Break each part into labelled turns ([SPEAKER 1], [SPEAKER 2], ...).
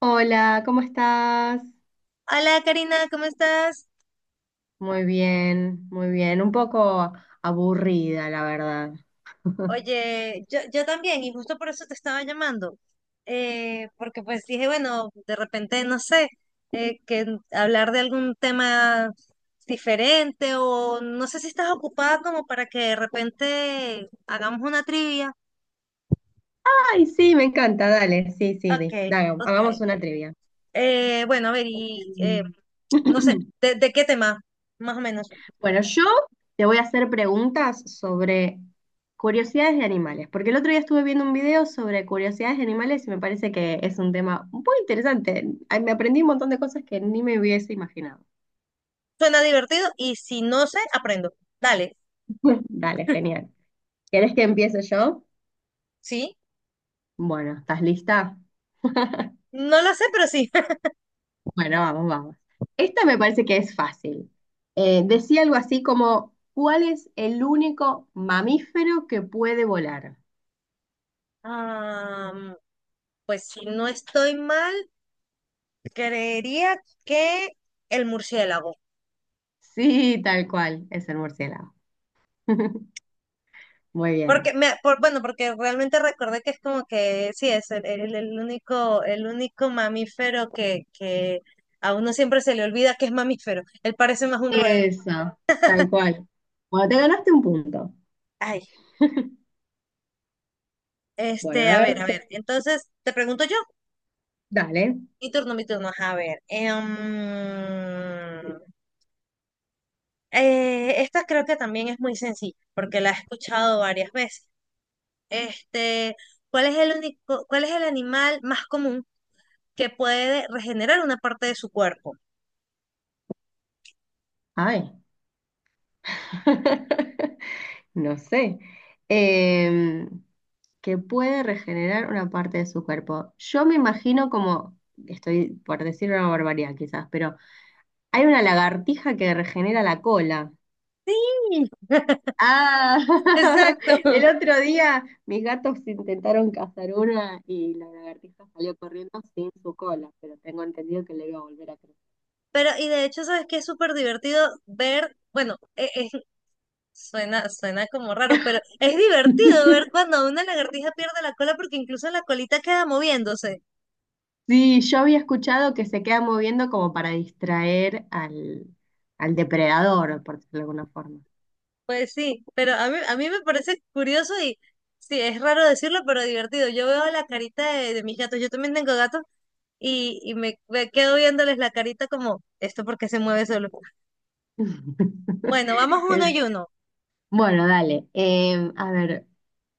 [SPEAKER 1] Hola, ¿cómo estás?
[SPEAKER 2] Hola Karina, ¿cómo estás?
[SPEAKER 1] Muy bien, muy bien. Un poco aburrida, la verdad.
[SPEAKER 2] Oye, yo también, y justo por eso te estaba llamando, porque pues dije, bueno, de repente, no sé, hablar de algún tema diferente o no sé si estás ocupada como para que de repente hagamos una trivia.
[SPEAKER 1] Ay, sí, me encanta, dale, sí, sí,
[SPEAKER 2] Ok,
[SPEAKER 1] dale,
[SPEAKER 2] ok.
[SPEAKER 1] hagamos una trivia.
[SPEAKER 2] Bueno, a ver, y
[SPEAKER 1] Mm.
[SPEAKER 2] no sé, de qué tema? Más o menos.
[SPEAKER 1] Bueno, yo te voy a hacer preguntas sobre curiosidades de animales, porque el otro día estuve viendo un video sobre curiosidades de animales y me parece que es un tema muy interesante. Ay, me aprendí un montón de cosas que ni me hubiese imaginado.
[SPEAKER 2] Suena divertido y si no sé, aprendo. Dale,
[SPEAKER 1] Dale, genial. ¿Querés que empiece yo?
[SPEAKER 2] ¿sí?
[SPEAKER 1] Bueno, ¿estás lista?
[SPEAKER 2] No lo sé, pero sí.
[SPEAKER 1] Bueno, vamos, vamos. Esta me parece que es fácil. Decía algo así como, ¿cuál es el único mamífero que puede volar?
[SPEAKER 2] Ah, pues si no estoy mal, creería que el murciélago.
[SPEAKER 1] Sí, tal cual, es el murciélago. Muy
[SPEAKER 2] Porque
[SPEAKER 1] bien.
[SPEAKER 2] bueno, porque realmente recordé que es como que sí, es el único mamífero que a uno siempre se le olvida que es mamífero. Él parece más un roedor.
[SPEAKER 1] Eso, tal cual. Bueno, te ganaste un punto.
[SPEAKER 2] Ay,
[SPEAKER 1] Bueno,
[SPEAKER 2] este,
[SPEAKER 1] a
[SPEAKER 2] a ver,
[SPEAKER 1] ver,
[SPEAKER 2] a ver. Entonces, te pregunto yo,
[SPEAKER 1] dale.
[SPEAKER 2] mi turno, mi turno. Ajá, a ver. Esta creo que también es muy sencilla, porque la he escuchado varias veces. Este, ¿cuál es el único, cuál es el animal más común que puede regenerar una parte de su cuerpo?
[SPEAKER 1] Ay, no sé. Em, que puede regenerar una parte de su cuerpo. Yo me imagino como, estoy por decir una barbaridad quizás, pero hay una lagartija que regenera la cola.
[SPEAKER 2] Sí,
[SPEAKER 1] Ah,
[SPEAKER 2] exacto.
[SPEAKER 1] el otro día mis gatos intentaron cazar una y la lagartija salió corriendo sin su cola, pero tengo entendido que le iba a volver a crecer.
[SPEAKER 2] Pero, y de hecho, ¿sabes qué? Es súper divertido ver, bueno, suena como raro, pero es divertido ver cuando una lagartija pierde la cola porque incluso la colita queda moviéndose.
[SPEAKER 1] Sí, yo había escuchado que se queda moviendo como para distraer al, al depredador, por decirlo de alguna forma.
[SPEAKER 2] Pues sí, pero a mí me parece curioso y sí, es raro decirlo, pero divertido. Yo veo la carita de mis gatos, yo también tengo gatos y me quedo viéndoles la carita como, ¿esto por qué se mueve solo? Bueno, vamos uno y
[SPEAKER 1] El
[SPEAKER 2] uno.
[SPEAKER 1] Bueno, dale. A ver,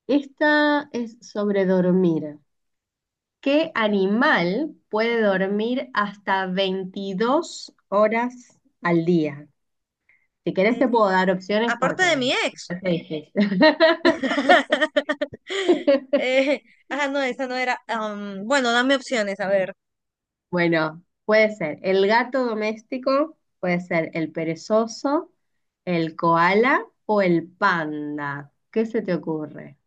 [SPEAKER 1] esta es sobre dormir. ¿Qué animal puede
[SPEAKER 2] Ujú.
[SPEAKER 1] dormir hasta 22 horas al día? Si querés te
[SPEAKER 2] Eh,
[SPEAKER 1] puedo dar opciones
[SPEAKER 2] Aparte de mi
[SPEAKER 1] porque
[SPEAKER 2] ex.
[SPEAKER 1] es difícil.
[SPEAKER 2] Eh, ajá, no, esa no era. Bueno, dame opciones, a ver.
[SPEAKER 1] Bueno, puede ser el gato doméstico, puede ser el perezoso, el koala o el panda. ¿Qué se te ocurre?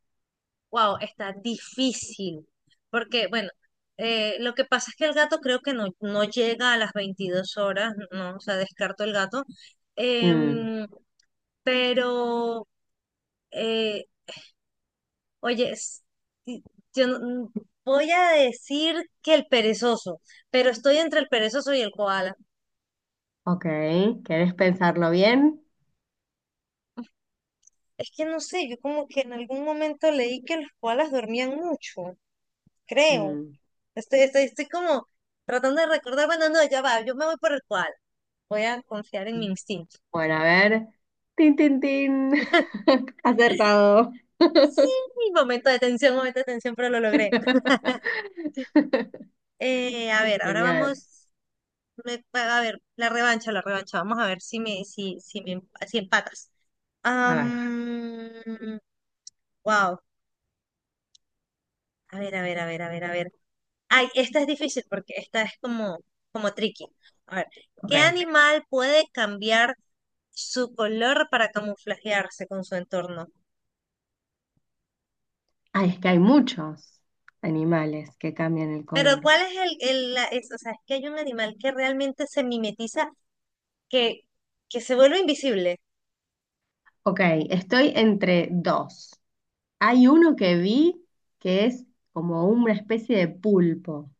[SPEAKER 2] Wow, está difícil. Porque, bueno, lo que pasa es que el gato creo que no, no llega a las 22 horas, no, o sea, descarto el gato.
[SPEAKER 1] Mm,
[SPEAKER 2] Em, pero, eh, oye, es- y- yo no- mm, voy a decir que el perezoso, pero estoy entre el perezoso y el koala.
[SPEAKER 1] ok, ¿querés pensarlo bien?
[SPEAKER 2] Es que no sé, yo como que en algún momento leí que los koalas dormían mucho, creo.
[SPEAKER 1] Mm.
[SPEAKER 2] Estoy como tratando de recordar, bueno, no, ya va, yo me voy por el koala. Voy a confiar en mi instinto.
[SPEAKER 1] Bueno, a ver. Tin, tin, tin. Acertado.
[SPEAKER 2] Momento de tensión, momento de tensión, pero lo logré. A ver, ahora
[SPEAKER 1] Genial.
[SPEAKER 2] vamos, a ver, la revancha, la revancha. Vamos a ver si me, si empatas.
[SPEAKER 1] A ver,
[SPEAKER 2] Am, Wow. A ver, a ver, a ver, a ver, a ver. Ay, esta es difícil porque esta es como, como tricky. A ver,
[SPEAKER 1] ok.
[SPEAKER 2] ¿qué animal puede cambiar su color para camuflajearse con su entorno?
[SPEAKER 1] Ay, es que hay muchos animales que cambian el
[SPEAKER 2] Pero
[SPEAKER 1] color.
[SPEAKER 2] ¿cuál es o sea, es que hay un animal que realmente se mimetiza, que, que se vuelve invisible.
[SPEAKER 1] Ok, estoy entre dos. Hay uno que vi que es como una especie de pulpo.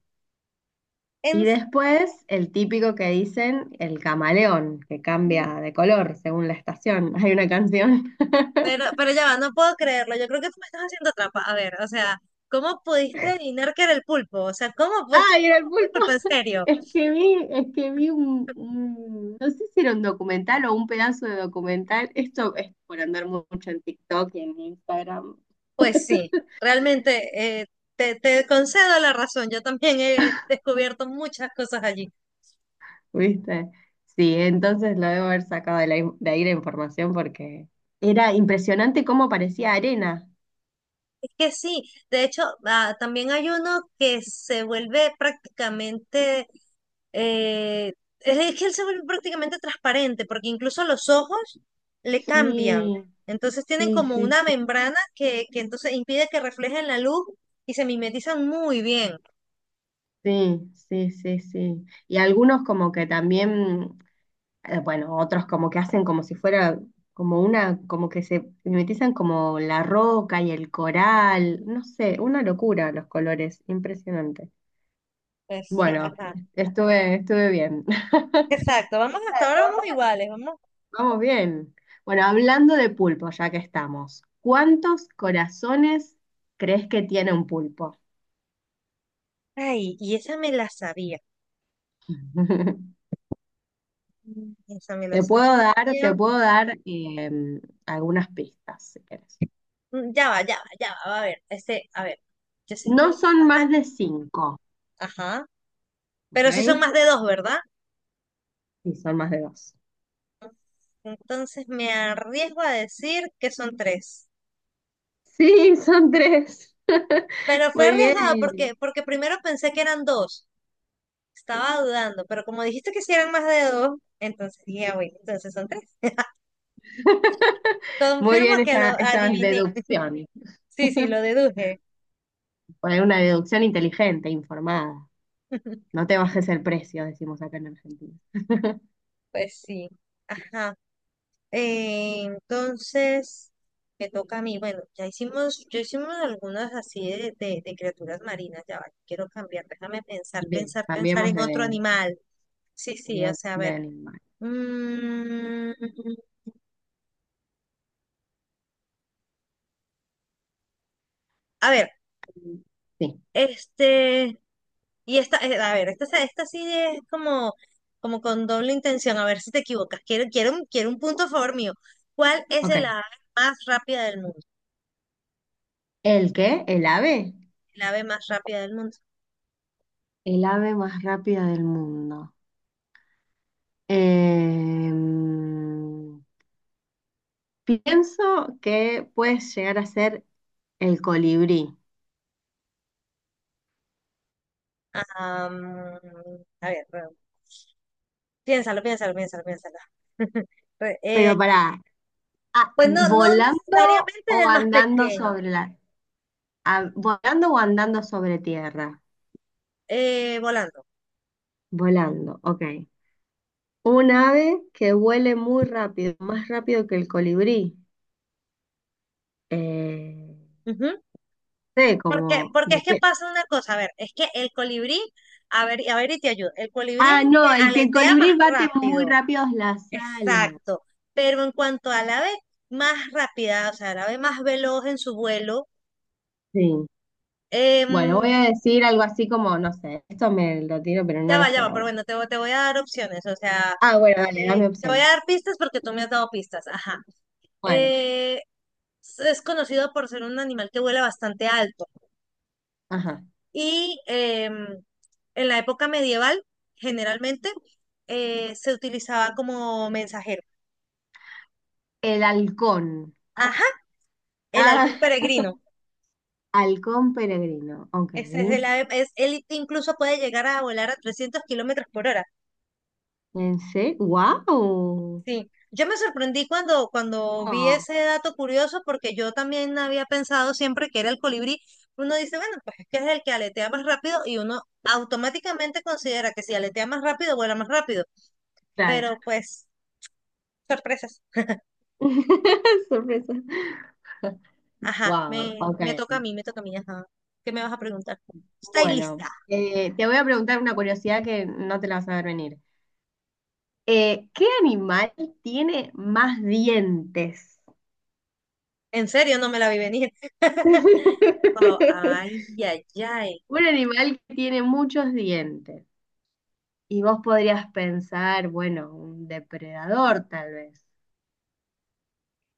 [SPEAKER 1] Y
[SPEAKER 2] En-
[SPEAKER 1] después el típico que dicen el camaleón, que cambia de color según la estación. Hay una canción.
[SPEAKER 2] pero, pero ya va, no puedo creerlo. Yo creo que tú me estás haciendo trampa. A ver, o sea, ¿cómo pudiste adivinar que era el pulpo? O sea, ¿cómo pudiste
[SPEAKER 1] Ah, y
[SPEAKER 2] adivinar
[SPEAKER 1] era el
[SPEAKER 2] el
[SPEAKER 1] pulpo.
[SPEAKER 2] pulpo en serio?
[SPEAKER 1] Es que vi un, no sé si era un documental o un pedazo de documental. Esto es por andar mucho en TikTok y en Instagram,
[SPEAKER 2] Pues sí, realmente eh, te concedo la razón. Yo también he descubierto muchas cosas allí.
[SPEAKER 1] ¿viste? Sí, entonces lo debo haber sacado de, de ahí la información porque era impresionante cómo parecía arena.
[SPEAKER 2] Es que sí, de hecho, ah, también hay uno que se vuelve prácticamente, eh, es que él se vuelve prácticamente transparente, porque incluso los ojos le cambian.
[SPEAKER 1] Sí,
[SPEAKER 2] Entonces tienen
[SPEAKER 1] sí,
[SPEAKER 2] como
[SPEAKER 1] sí,
[SPEAKER 2] una
[SPEAKER 1] sí,
[SPEAKER 2] membrana que entonces impide que reflejen la luz y se mimetizan muy bien.
[SPEAKER 1] sí, sí, sí, sí. Y algunos como que también bueno, otros como que hacen como si fuera, como una, como que se mimetizan como la roca y el coral, no sé, una locura los colores, impresionante.
[SPEAKER 2] Pues sí,
[SPEAKER 1] Bueno,
[SPEAKER 2] ajá.
[SPEAKER 1] estuve, estuve bien.
[SPEAKER 2] Exacto, vamos hasta
[SPEAKER 1] Exacto,
[SPEAKER 2] ahora vamos iguales, vamos.
[SPEAKER 1] vamos bien. Bueno, hablando de pulpo, ya que estamos, ¿cuántos corazones crees que tiene un pulpo?
[SPEAKER 2] Ay, y esa me la sabía. Mm, esa me la
[SPEAKER 1] Te
[SPEAKER 2] sabía.
[SPEAKER 1] puedo dar algunas pistas, si querés.
[SPEAKER 2] Mm, ya va, ya va, ya va. A ver, este, a ver. Yo sé que
[SPEAKER 1] No
[SPEAKER 2] la
[SPEAKER 1] son más
[SPEAKER 2] vaca.
[SPEAKER 1] de cinco,
[SPEAKER 2] Ajá. Pero si son más
[SPEAKER 1] ¿ok?
[SPEAKER 2] de dos, ¿verdad?
[SPEAKER 1] Sí, son más de dos.
[SPEAKER 2] Entonces me arriesgo a decir que son tres.
[SPEAKER 1] Sí, son tres.
[SPEAKER 2] Pero fue
[SPEAKER 1] Muy
[SPEAKER 2] arriesgada
[SPEAKER 1] bien,
[SPEAKER 2] porque, porque primero pensé que eran dos. Estaba dudando, pero como dijiste que si eran más de dos, entonces dije, "Ah, bueno, entonces son tres.
[SPEAKER 1] muy
[SPEAKER 2] Confirmo
[SPEAKER 1] bien
[SPEAKER 2] que lo
[SPEAKER 1] esas
[SPEAKER 2] adiviné."
[SPEAKER 1] deducciones.
[SPEAKER 2] Sí, sí, lo deduje.
[SPEAKER 1] Fue una deducción inteligente, informada. No te bajes el precio, decimos acá en Argentina.
[SPEAKER 2] Pues sí. Ajá. Entonces, me toca a mí. Bueno, ya hicimos, yo hicimos algunas así de criaturas marinas. Ya va, quiero cambiar. Déjame
[SPEAKER 1] Bien,
[SPEAKER 2] pensar
[SPEAKER 1] cambiemos
[SPEAKER 2] en otro animal. Sí, sí,
[SPEAKER 1] de,
[SPEAKER 2] o sea, a
[SPEAKER 1] de
[SPEAKER 2] ver.
[SPEAKER 1] animal.
[SPEAKER 2] Mm, a ver,
[SPEAKER 1] Sí,
[SPEAKER 2] este, y esta, a ver, esta, se- esta sí es como, como con doble intención. A ver si te equivocas. Quiero un punto a favor mío. ¿Cuál es el
[SPEAKER 1] ok.
[SPEAKER 2] ave más rápida del mundo?
[SPEAKER 1] ¿El qué? ¿El ave?
[SPEAKER 2] El ave más rápida del mundo.
[SPEAKER 1] El ave más rápida del mundo. Em, Pienso que puedes llegar a ser el colibrí.
[SPEAKER 2] Ah, mm, a ver. Piénsalo, piénsalo, piénsalo, piénsalo. Re- eh,
[SPEAKER 1] Pero pará. Ah,
[SPEAKER 2] pues no, no
[SPEAKER 1] ¿volando
[SPEAKER 2] necesariamente es
[SPEAKER 1] o
[SPEAKER 2] el más
[SPEAKER 1] andando
[SPEAKER 2] pequeño,
[SPEAKER 1] sobre la... Ah, ¿volando o andando sobre tierra?
[SPEAKER 2] volando.
[SPEAKER 1] Volando, ok. Un ave que vuele muy rápido, más rápido que el colibrí. Eh,
[SPEAKER 2] Ujú.
[SPEAKER 1] no sé,
[SPEAKER 2] Porque,
[SPEAKER 1] como
[SPEAKER 2] porque es que pasa una cosa, a ver, es que el colibrí, a ver y te ayudo, el colibrí es
[SPEAKER 1] Ah,
[SPEAKER 2] el que
[SPEAKER 1] no, el que el
[SPEAKER 2] aletea más
[SPEAKER 1] colibrí bate muy
[SPEAKER 2] rápido,
[SPEAKER 1] rápido las alas.
[SPEAKER 2] exacto, pero en cuanto al ave más rápida, o sea, el ave más veloz en su vuelo,
[SPEAKER 1] Sí. Bueno, voy a
[SPEAKER 2] em,
[SPEAKER 1] decir algo así como, no sé, esto me lo tiro, pero no lo
[SPEAKER 2] ya
[SPEAKER 1] sé,
[SPEAKER 2] va,
[SPEAKER 1] la
[SPEAKER 2] pero
[SPEAKER 1] verdad.
[SPEAKER 2] bueno, te voy a dar opciones, o sea,
[SPEAKER 1] Ah, bueno, dale, dame
[SPEAKER 2] te voy a
[SPEAKER 1] opciones.
[SPEAKER 2] dar pistas porque tú me has dado pistas, ajá.
[SPEAKER 1] Bueno,
[SPEAKER 2] Eh, es conocido por ser un animal que vuela bastante alto.
[SPEAKER 1] ajá.
[SPEAKER 2] Y en la época medieval, generalmente, se utilizaba como mensajero.
[SPEAKER 1] El halcón.
[SPEAKER 2] Ajá, el
[SPEAKER 1] Ah,
[SPEAKER 2] halcón peregrino.
[SPEAKER 1] halcón peregrino, ok.
[SPEAKER 2] Ese es el ave- Es, él incluso puede llegar a volar a 300 kilómetros por hora.
[SPEAKER 1] Pensé, wow.
[SPEAKER 2] Sí, yo me sorprendí cuando vi
[SPEAKER 1] Ah,
[SPEAKER 2] ese dato curioso porque yo también había pensado siempre que era el colibrí. Uno dice, bueno, pues es que es el que aletea más rápido y uno automáticamente considera que si aletea más rápido, vuela más rápido.
[SPEAKER 1] claro.
[SPEAKER 2] Pero pues, sorpresas.
[SPEAKER 1] Sorpresa.
[SPEAKER 2] Ajá,
[SPEAKER 1] Wow, ok.
[SPEAKER 2] me toca a mí, me toca a mí, ajá. ¿Qué me vas a preguntar? ¿Estáis
[SPEAKER 1] Bueno,
[SPEAKER 2] lista?
[SPEAKER 1] te voy a preguntar una curiosidad que no te la vas a ver venir. ¿Qué animal tiene más dientes?
[SPEAKER 2] En serio, no me la vi venir. Wow, ay, ay, ay.
[SPEAKER 1] Un animal que tiene muchos dientes. Y vos podrías pensar, bueno, un depredador tal vez,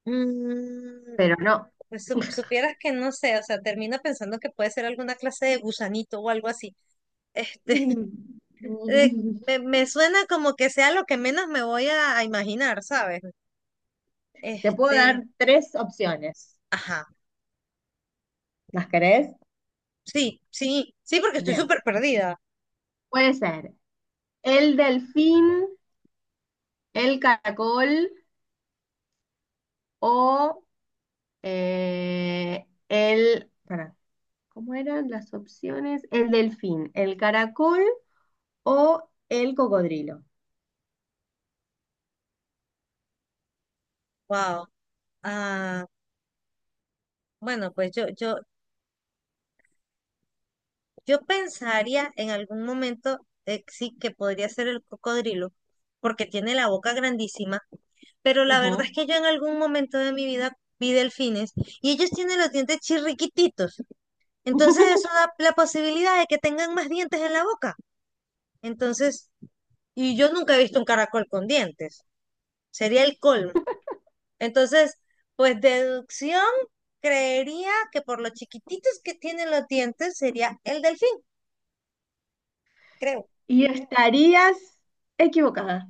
[SPEAKER 2] Mm,
[SPEAKER 1] pero no.
[SPEAKER 2] pues supieras que no sé, o sea, termina pensando que puede ser alguna clase de gusanito o algo así. Este, eh, me suena como que sea lo que menos me voy a imaginar, ¿sabes?
[SPEAKER 1] Te puedo
[SPEAKER 2] Este,
[SPEAKER 1] dar tres opciones.
[SPEAKER 2] ajá,
[SPEAKER 1] ¿Las querés?
[SPEAKER 2] sí, sí, sí, porque estoy
[SPEAKER 1] Bien.
[SPEAKER 2] súper perdida.
[SPEAKER 1] Puede ser el delfín, el caracol o pará, ¿cómo eran las opciones? El delfín, el caracol o el cocodrilo.
[SPEAKER 2] Wow. Ah, bueno, pues yo pensaría en algún momento, sí, que podría ser el cocodrilo, porque tiene la boca grandísima, pero la verdad es
[SPEAKER 1] Ujú.
[SPEAKER 2] que yo en algún momento de mi vida vi delfines y ellos tienen los dientes chirriquititos. Entonces eso da la posibilidad de que tengan más dientes en la boca. Entonces, y yo nunca he visto un caracol con dientes. Sería el colmo. Entonces, pues deducción, creería que por lo chiquititos que tienen los dientes sería el delfín, creo.
[SPEAKER 1] Y estarías equivocada.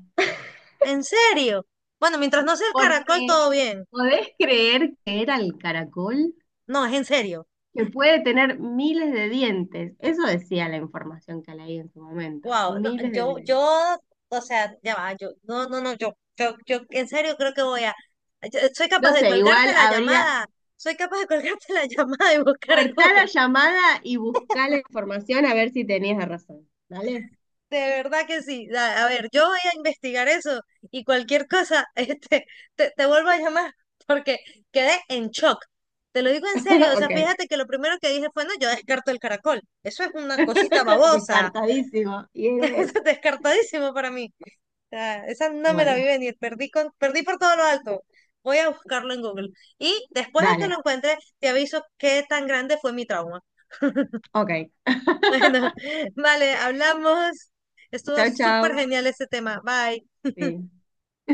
[SPEAKER 2] ¿En serio? Bueno, mientras no sea el caracol,
[SPEAKER 1] Porque,
[SPEAKER 2] todo bien.
[SPEAKER 1] ¿podés creer que era el caracol?
[SPEAKER 2] No, es en serio.
[SPEAKER 1] Que puede tener miles de dientes. Eso decía la información que leí en su momento.
[SPEAKER 2] Wow. No,
[SPEAKER 1] Miles de
[SPEAKER 2] yo,
[SPEAKER 1] dientes.
[SPEAKER 2] yo, o sea, ya va, yo, no, no, no, yo, en serio creo que voy a, soy capaz
[SPEAKER 1] No
[SPEAKER 2] de
[SPEAKER 1] sé,
[SPEAKER 2] colgarte
[SPEAKER 1] igual
[SPEAKER 2] la
[SPEAKER 1] habría.
[SPEAKER 2] llamada, soy capaz de colgarte la llamada y buscar en
[SPEAKER 1] Cortá la
[SPEAKER 2] Google.
[SPEAKER 1] llamada y buscá la información a ver si tenías razón. ¿Dale?
[SPEAKER 2] De verdad que sí. A ver, yo voy a investigar eso y cualquier cosa, este, te vuelvo a llamar porque quedé en shock. Te lo digo en serio, o sea,
[SPEAKER 1] Ok.
[SPEAKER 2] fíjate que lo primero que dije fue, no, yo descarto el caracol. Eso es una cosita babosa.
[SPEAKER 1] Descartadísimo. Y era eso.
[SPEAKER 2] Descartadísimo para mí. O sea, esa no me la vi
[SPEAKER 1] Bueno,
[SPEAKER 2] venir, perdí, con, perdí por todo lo alto. Voy a buscarlo en Google. Y después de que lo
[SPEAKER 1] dale.
[SPEAKER 2] encuentre, te aviso qué tan grande fue mi trauma.
[SPEAKER 1] Ok.
[SPEAKER 2] Bueno, vale, hablamos. Estuvo
[SPEAKER 1] Chau,
[SPEAKER 2] súper
[SPEAKER 1] chau.
[SPEAKER 2] genial este tema. Bye.
[SPEAKER 1] Sí.